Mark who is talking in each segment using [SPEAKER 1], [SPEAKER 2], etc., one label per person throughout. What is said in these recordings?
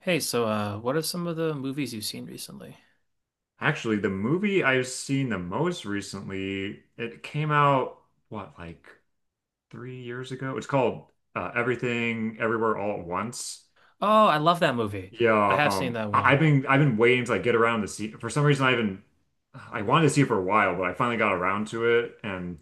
[SPEAKER 1] Hey, what are some of the movies you've seen recently?
[SPEAKER 2] Actually, the movie I've seen the most recently, it came out, what, like 3 years ago? It's called Everything Everywhere All at Once.
[SPEAKER 1] Oh, I love that movie. I
[SPEAKER 2] Yeah,
[SPEAKER 1] have seen that
[SPEAKER 2] I
[SPEAKER 1] one.
[SPEAKER 2] I've been I've been waiting to like get around to see. For some reason, I've been I wanted to see it for a while, but I finally got around to it, and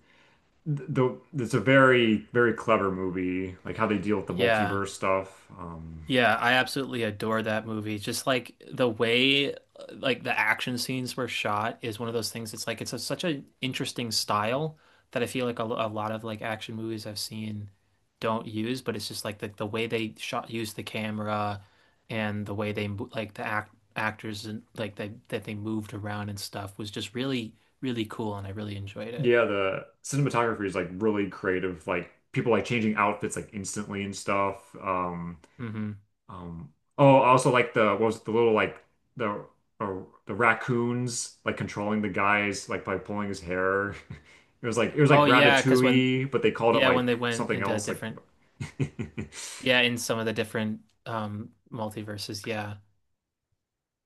[SPEAKER 2] th- the it's a very clever movie, like how they deal with the
[SPEAKER 1] Yeah.
[SPEAKER 2] multiverse stuff.
[SPEAKER 1] Yeah, I absolutely adore that movie. Just like the way like the action scenes were shot is one of those things. It's like it's such an interesting style that I feel like a lot of like action movies I've seen don't use, but it's just like the way they shot use the camera and the way they mo- like the act actors and like they that they moved around and stuff was just really cool, and I really enjoyed it.
[SPEAKER 2] Yeah, the cinematography is like really creative, like people like changing outfits like instantly and stuff.
[SPEAKER 1] Hmm.
[SPEAKER 2] Um, oh, also like the what was it, the little like the uh, the raccoons like controlling the guys like by pulling his hair. It was
[SPEAKER 1] Oh
[SPEAKER 2] like
[SPEAKER 1] yeah, because when
[SPEAKER 2] Ratatouille, but they called it
[SPEAKER 1] yeah when they
[SPEAKER 2] like
[SPEAKER 1] went
[SPEAKER 2] something
[SPEAKER 1] into
[SPEAKER 2] else. Like
[SPEAKER 1] different, yeah, in some of the different multiverses, yeah.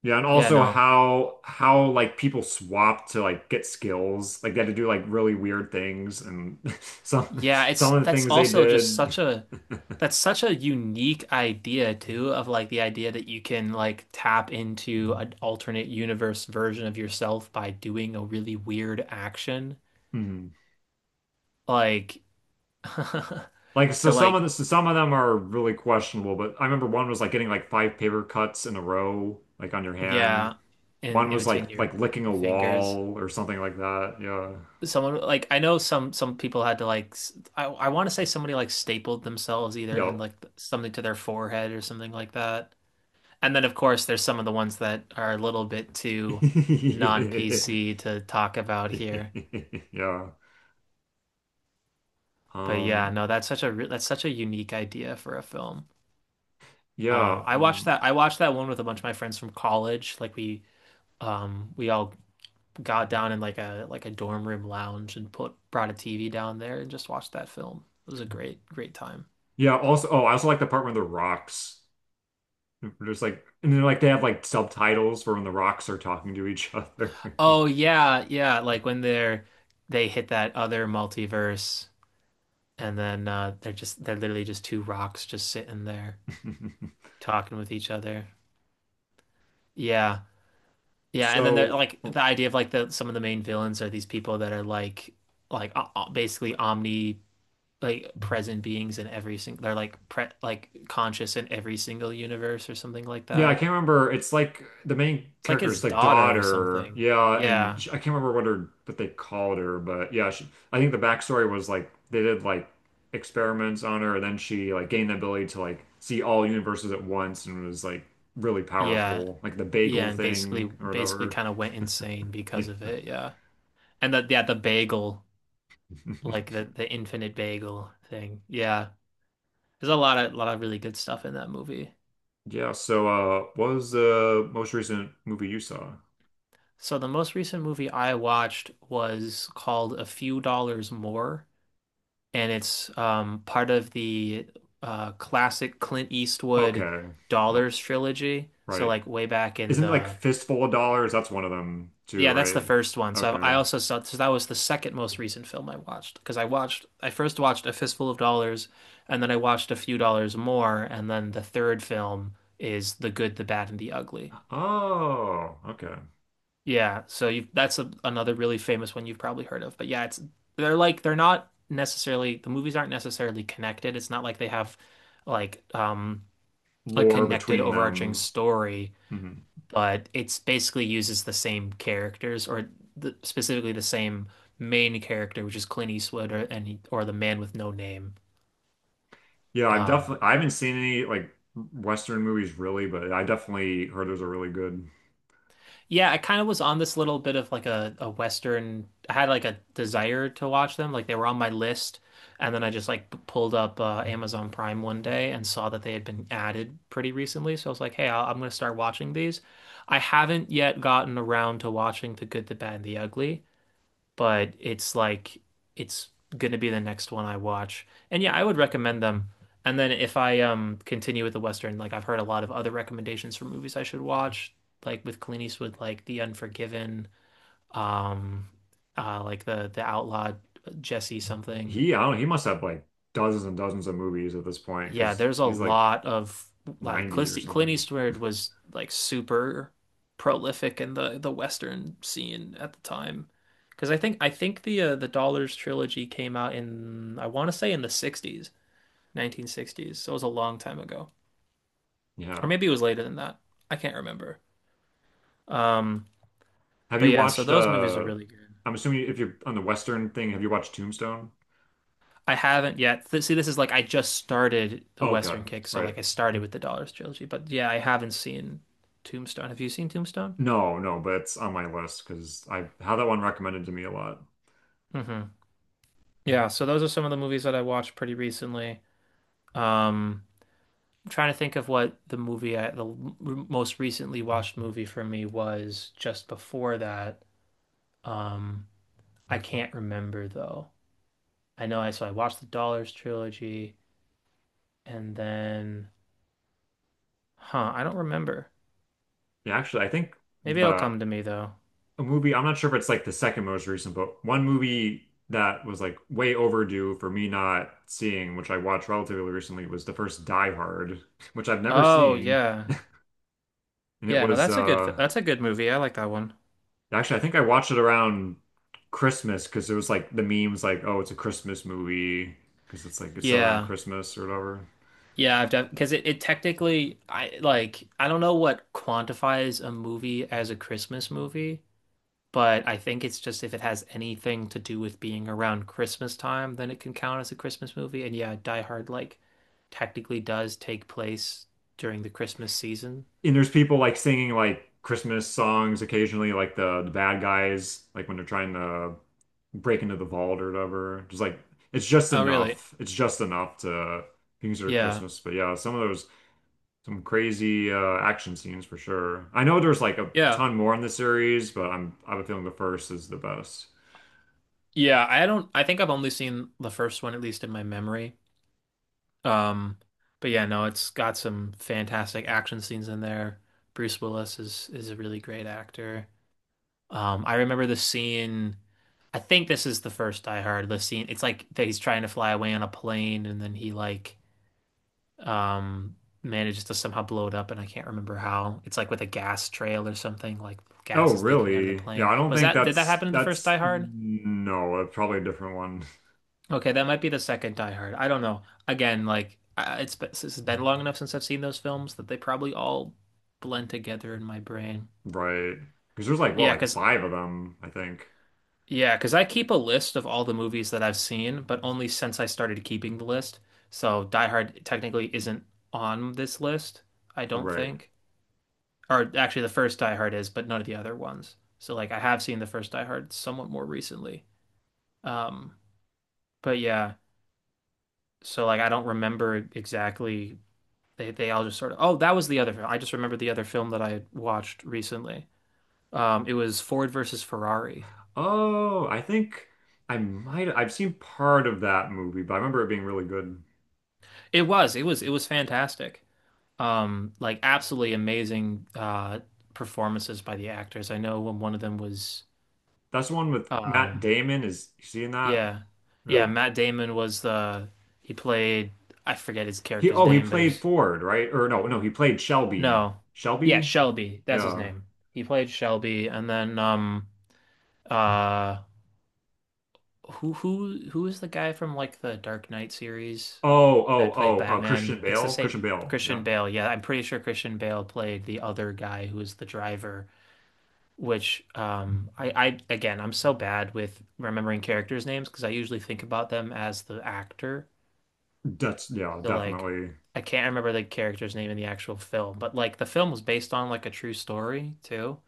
[SPEAKER 2] yeah, and
[SPEAKER 1] Yeah,
[SPEAKER 2] also
[SPEAKER 1] no,
[SPEAKER 2] how like people swapped to like get skills. Like they had to do like really weird things, and some
[SPEAKER 1] yeah, it's
[SPEAKER 2] some of the
[SPEAKER 1] that's
[SPEAKER 2] things they
[SPEAKER 1] also just
[SPEAKER 2] did.
[SPEAKER 1] such a, that's such a unique idea too, of like the idea that you can like tap into an alternate universe version of yourself by doing a really weird action
[SPEAKER 2] Mhm.
[SPEAKER 1] like,
[SPEAKER 2] Like so
[SPEAKER 1] to
[SPEAKER 2] some of
[SPEAKER 1] like,
[SPEAKER 2] the so some of them are really questionable, but I remember one was like getting like five paper cuts in a row, like on your hand.
[SPEAKER 1] yeah,
[SPEAKER 2] One
[SPEAKER 1] in
[SPEAKER 2] was
[SPEAKER 1] between
[SPEAKER 2] like
[SPEAKER 1] your
[SPEAKER 2] licking a
[SPEAKER 1] fingers.
[SPEAKER 2] wall or something like that. Yeah.
[SPEAKER 1] Someone, like, I know some people had to like s- I want to say somebody like stapled themselves either and like something to their forehead or something like that. And then of course there's some of the ones that are a little bit too
[SPEAKER 2] Yep.
[SPEAKER 1] non-PC to talk about here.
[SPEAKER 2] Yeah.
[SPEAKER 1] But yeah,
[SPEAKER 2] Um
[SPEAKER 1] no, that's such a re- that's such a unique idea for a film.
[SPEAKER 2] yeah,
[SPEAKER 1] I watched
[SPEAKER 2] um
[SPEAKER 1] that one with a bunch of my friends from college. Like we, we all got down in like a, like a dorm room lounge and put brought a TV down there and just watched that film. It was a great time.
[SPEAKER 2] yeah, also oh, I also like the part where the rocks there's like and then like they have like subtitles for when the rocks are talking to each other.
[SPEAKER 1] Oh yeah, yeah. Like when they're, they hit that other multiverse, and then they're just, they're literally just two rocks just sitting there talking with each other. Yeah, yeah. And then they're
[SPEAKER 2] So
[SPEAKER 1] like
[SPEAKER 2] oh,
[SPEAKER 1] the idea of like the, some of the main villains are these people that are like basically omni, like present beings in every single, they're like pre, like conscious in every single universe or something like
[SPEAKER 2] yeah, I
[SPEAKER 1] that.
[SPEAKER 2] can't remember. It's like the main
[SPEAKER 1] It's like his
[SPEAKER 2] character's like
[SPEAKER 1] daughter or
[SPEAKER 2] daughter.
[SPEAKER 1] something.
[SPEAKER 2] Yeah, and
[SPEAKER 1] Yeah,
[SPEAKER 2] sh I can't remember what her what they called her, but yeah, she, I think the backstory was like they did like experiments on her, and then she like gained the ability to like see all universes at once and was like really
[SPEAKER 1] yeah.
[SPEAKER 2] powerful, like the
[SPEAKER 1] Yeah,
[SPEAKER 2] bagel
[SPEAKER 1] and basically
[SPEAKER 2] thing or
[SPEAKER 1] basically
[SPEAKER 2] whatever.
[SPEAKER 1] kind of went insane
[SPEAKER 2] Yeah.
[SPEAKER 1] because of it, yeah. And the, yeah, the bagel, like the infinite bagel thing. Yeah. There's a lot of really good stuff in that movie.
[SPEAKER 2] Yeah, so what was the most recent movie you saw?
[SPEAKER 1] So the most recent movie I watched was called A Few Dollars More, and it's part of the classic Clint Eastwood
[SPEAKER 2] Okay. No,
[SPEAKER 1] Dollars trilogy. So
[SPEAKER 2] right.
[SPEAKER 1] like way back in
[SPEAKER 2] Isn't it like
[SPEAKER 1] the,
[SPEAKER 2] Fistful of Dollars? That's one of them too,
[SPEAKER 1] yeah, that's the
[SPEAKER 2] right?
[SPEAKER 1] first one. So I
[SPEAKER 2] Okay.
[SPEAKER 1] also saw, so that was the second most recent film I watched, because I watched, I first watched A Fistful of Dollars and then I watched A Few Dollars More, and then the third film is The Good, the Bad, and the Ugly.
[SPEAKER 2] Oh, okay.
[SPEAKER 1] Yeah, so you, that's a, another really famous one you've probably heard of. But yeah, it's, they're not necessarily, the movies aren't necessarily connected. It's not like they have like, a
[SPEAKER 2] Lore
[SPEAKER 1] connected
[SPEAKER 2] between
[SPEAKER 1] overarching
[SPEAKER 2] them.
[SPEAKER 1] story,
[SPEAKER 2] Hmm.
[SPEAKER 1] but it's basically uses the same characters, or the, specifically the same main character, which is Clint Eastwood, or and or the man with no name.
[SPEAKER 2] Yeah, I've
[SPEAKER 1] Um,
[SPEAKER 2] definitely I haven't seen any like Western movies really, but I definitely heard there's a really good.
[SPEAKER 1] yeah, I kind of was on this little bit of like a Western. I had like a desire to watch them, like they were on my list, and then I just like pulled up Amazon Prime one day and saw that they had been added pretty recently. So I was like, hey, I'm gonna start watching these. I haven't yet gotten around to watching The Good, the Bad, and the Ugly. But it's like, it's gonna be the next one I watch. And yeah, I would recommend them. And then if I continue with the Western, like I've heard a lot of other recommendations for movies I should watch, like with Clint Eastwood, like The Unforgiven, um like the Outlaw Jesse something.
[SPEAKER 2] He I don't know, he must have like dozens and dozens of movies at this point
[SPEAKER 1] Yeah,
[SPEAKER 2] because
[SPEAKER 1] there's a
[SPEAKER 2] he's like
[SPEAKER 1] lot of like
[SPEAKER 2] 90 or
[SPEAKER 1] Clint
[SPEAKER 2] something.
[SPEAKER 1] Eastwood was like super prolific in the Western scene at the time. Because I think the Dollars trilogy came out in, I want to say in the 60s, 1960s. So it was a long time ago. Or
[SPEAKER 2] Yeah.
[SPEAKER 1] maybe it was later than that. I can't remember. Um,
[SPEAKER 2] Have
[SPEAKER 1] but
[SPEAKER 2] you
[SPEAKER 1] yeah, so
[SPEAKER 2] watched
[SPEAKER 1] those movies are really good.
[SPEAKER 2] I'm assuming if you're on the Western thing, have you watched Tombstone?
[SPEAKER 1] I haven't yet. Th See, this is like, I just started the
[SPEAKER 2] Oh, okay.
[SPEAKER 1] Western kick, so
[SPEAKER 2] Right.
[SPEAKER 1] like I started with the Dollars trilogy. But yeah, I haven't seen Tombstone. Have you seen Tombstone?
[SPEAKER 2] No, no, but it's on my list because I had that one recommended to me a lot.
[SPEAKER 1] Hmm. Yeah, so those are some of the movies that I watched pretty recently. Um, I'm trying to think of what the movie I, the most recently watched movie for me was just before that. Um, I can't remember though. I know, I, so I watched the Dollars trilogy, and then, huh, I don't remember.
[SPEAKER 2] Yeah, actually, I think
[SPEAKER 1] Maybe it'll
[SPEAKER 2] the
[SPEAKER 1] come to me though.
[SPEAKER 2] a movie. I'm not sure if it's like the second most recent, but one movie that was like way overdue for me not seeing, which I watched relatively recently, was the first Die Hard, which I've never
[SPEAKER 1] Oh,
[SPEAKER 2] seen.
[SPEAKER 1] yeah.
[SPEAKER 2] And it
[SPEAKER 1] Yeah, no,
[SPEAKER 2] was
[SPEAKER 1] that's a good fi- that's a good movie. I like that one.
[SPEAKER 2] actually I think I watched it around Christmas because it was like the memes like, oh, it's a Christmas movie because it's like it's set around
[SPEAKER 1] Yeah.
[SPEAKER 2] Christmas or whatever.
[SPEAKER 1] Yeah, I've def, because it technically, I, like I don't know what quantifies a movie as a Christmas movie, but I think it's just if it has anything to do with being around Christmas time, then it can count as a Christmas movie. And yeah, Die Hard like technically does take place during the Christmas season.
[SPEAKER 2] And there's people like singing like Christmas songs occasionally, like the bad guys, like when they're trying to break into the vault or whatever. Just like
[SPEAKER 1] Oh, really?
[SPEAKER 2] It's just enough to consider
[SPEAKER 1] Yeah.
[SPEAKER 2] Christmas. But yeah, some of those some crazy action scenes for sure. I know there's like a
[SPEAKER 1] Yeah.
[SPEAKER 2] ton more in the series, but I have a feeling the first is the best.
[SPEAKER 1] Yeah, I don't, I think I've only seen the first one, at least in my memory. Um, but yeah, no, it's got some fantastic action scenes in there. Bruce Willis is a really great actor. I remember the scene. I think this is the first Die Hard, the scene. It's like that he's trying to fly away on a plane, and then he like, um manages to somehow blow it up, and I can't remember how. It's like with a gas trail or something. Like
[SPEAKER 2] Oh,
[SPEAKER 1] gas is leaking out of the
[SPEAKER 2] really? Yeah,
[SPEAKER 1] plane.
[SPEAKER 2] I don't
[SPEAKER 1] Was
[SPEAKER 2] think
[SPEAKER 1] that, did that
[SPEAKER 2] that's
[SPEAKER 1] happen in the first
[SPEAKER 2] that's
[SPEAKER 1] Die Hard?
[SPEAKER 2] no, it's probably a different one,
[SPEAKER 1] Okay, that might be the second Die Hard. I don't know. Again, like it's been long enough since I've seen those films that they probably all blend together in my brain.
[SPEAKER 2] right? Because there's like what,
[SPEAKER 1] Yeah,
[SPEAKER 2] like
[SPEAKER 1] because,
[SPEAKER 2] five of them, I think,
[SPEAKER 1] yeah, because I keep a list of all the movies that I've seen, but only since I started keeping the list. So Die Hard technically isn't on this list, I don't
[SPEAKER 2] right?
[SPEAKER 1] think. Or actually, the first Die Hard is, but none of the other ones. So like, I have seen the first Die Hard somewhat more recently. Um, but yeah, so like, I don't remember exactly, they all just sort of, oh, that was the other film, I just remember the other film that I had watched recently. It was Ford versus Ferrari.
[SPEAKER 2] Oh, I think I might I've seen part of that movie, but I remember it being really good.
[SPEAKER 1] It was fantastic. Like absolutely amazing performances by the actors. I know when one of them was,
[SPEAKER 2] That's the one with Matt
[SPEAKER 1] um,
[SPEAKER 2] Damon. Is you seeing that?
[SPEAKER 1] yeah, yeah,
[SPEAKER 2] Yeah.
[SPEAKER 1] Matt Damon was the, he played, I forget his
[SPEAKER 2] He
[SPEAKER 1] character's
[SPEAKER 2] oh he
[SPEAKER 1] name, but
[SPEAKER 2] played
[SPEAKER 1] his,
[SPEAKER 2] Ford, right? Or no, no, he played Shelby.
[SPEAKER 1] no, yeah,
[SPEAKER 2] Shelby?
[SPEAKER 1] Shelby, that's his
[SPEAKER 2] Yeah.
[SPEAKER 1] name. He played Shelby, and then uh who who is the guy from like the Dark Knight series
[SPEAKER 2] Oh, oh,
[SPEAKER 1] that played
[SPEAKER 2] oh, Christian
[SPEAKER 1] Batman? It's the
[SPEAKER 2] Bale.
[SPEAKER 1] same,
[SPEAKER 2] Christian Bale.
[SPEAKER 1] Christian
[SPEAKER 2] Yeah.
[SPEAKER 1] Bale. Yeah, I'm pretty sure Christian Bale played the other guy who was the driver, which I again, I'm so bad with remembering characters' names because I usually think about them as the actor.
[SPEAKER 2] That's yeah,
[SPEAKER 1] So like,
[SPEAKER 2] definitely.
[SPEAKER 1] I can't remember the character's name in the actual film, but like the film was based on like a true story too.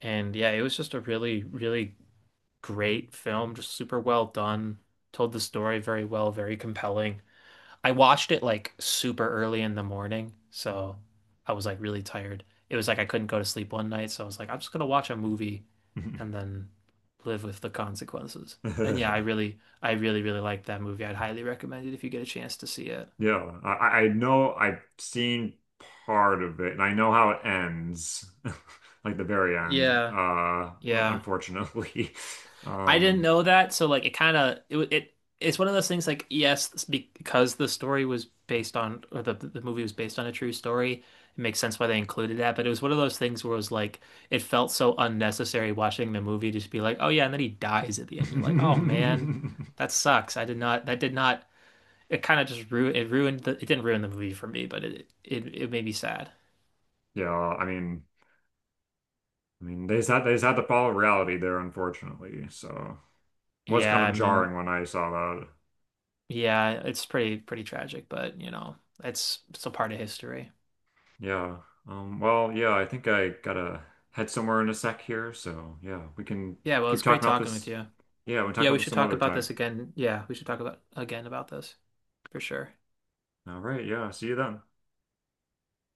[SPEAKER 1] And yeah, it was just a really, really great film, just super well done. Told the story very well, very compelling. I watched it like super early in the morning, so I was like really tired. It was like I couldn't go to sleep one night, so I was like, I'm just gonna watch a movie and then live with the consequences. And yeah, I really, really liked that movie. I'd highly recommend it if you get a chance to see it.
[SPEAKER 2] Yeah. I know I've seen part of it and I know how it ends. Like the very end,
[SPEAKER 1] Yeah, yeah.
[SPEAKER 2] unfortunately.
[SPEAKER 1] I didn't
[SPEAKER 2] Um,
[SPEAKER 1] know that, so like it kind of it, it it's one of those things like, yes, it's because the story was based on, or the movie was based on a true story, it makes sense why they included that. But it was one of those things where it was like, it felt so unnecessary watching the movie just be like, oh yeah, and then he dies at the end. You're like, oh man, that sucks. I did not, that did not, it kind of just ruined it, ruined the, it didn't ruin the movie for me, but it made me sad.
[SPEAKER 2] yeah, I mean, they just had to follow reality there, unfortunately. So it was kind
[SPEAKER 1] Yeah,
[SPEAKER 2] of
[SPEAKER 1] I mean,
[SPEAKER 2] jarring when I saw that.
[SPEAKER 1] yeah, it's pretty tragic, but you know, it's a part of history.
[SPEAKER 2] Yeah. Well, yeah, I think I gotta head somewhere in a sec here. So yeah, we can
[SPEAKER 1] Yeah, well,
[SPEAKER 2] keep
[SPEAKER 1] it's great
[SPEAKER 2] talking about
[SPEAKER 1] talking with
[SPEAKER 2] this.
[SPEAKER 1] you.
[SPEAKER 2] Yeah, we can talk
[SPEAKER 1] Yeah,
[SPEAKER 2] about
[SPEAKER 1] we
[SPEAKER 2] this
[SPEAKER 1] should
[SPEAKER 2] some
[SPEAKER 1] talk
[SPEAKER 2] other
[SPEAKER 1] about
[SPEAKER 2] time.
[SPEAKER 1] this again. Yeah, we should talk about again about this for sure.
[SPEAKER 2] All right, yeah, see you then.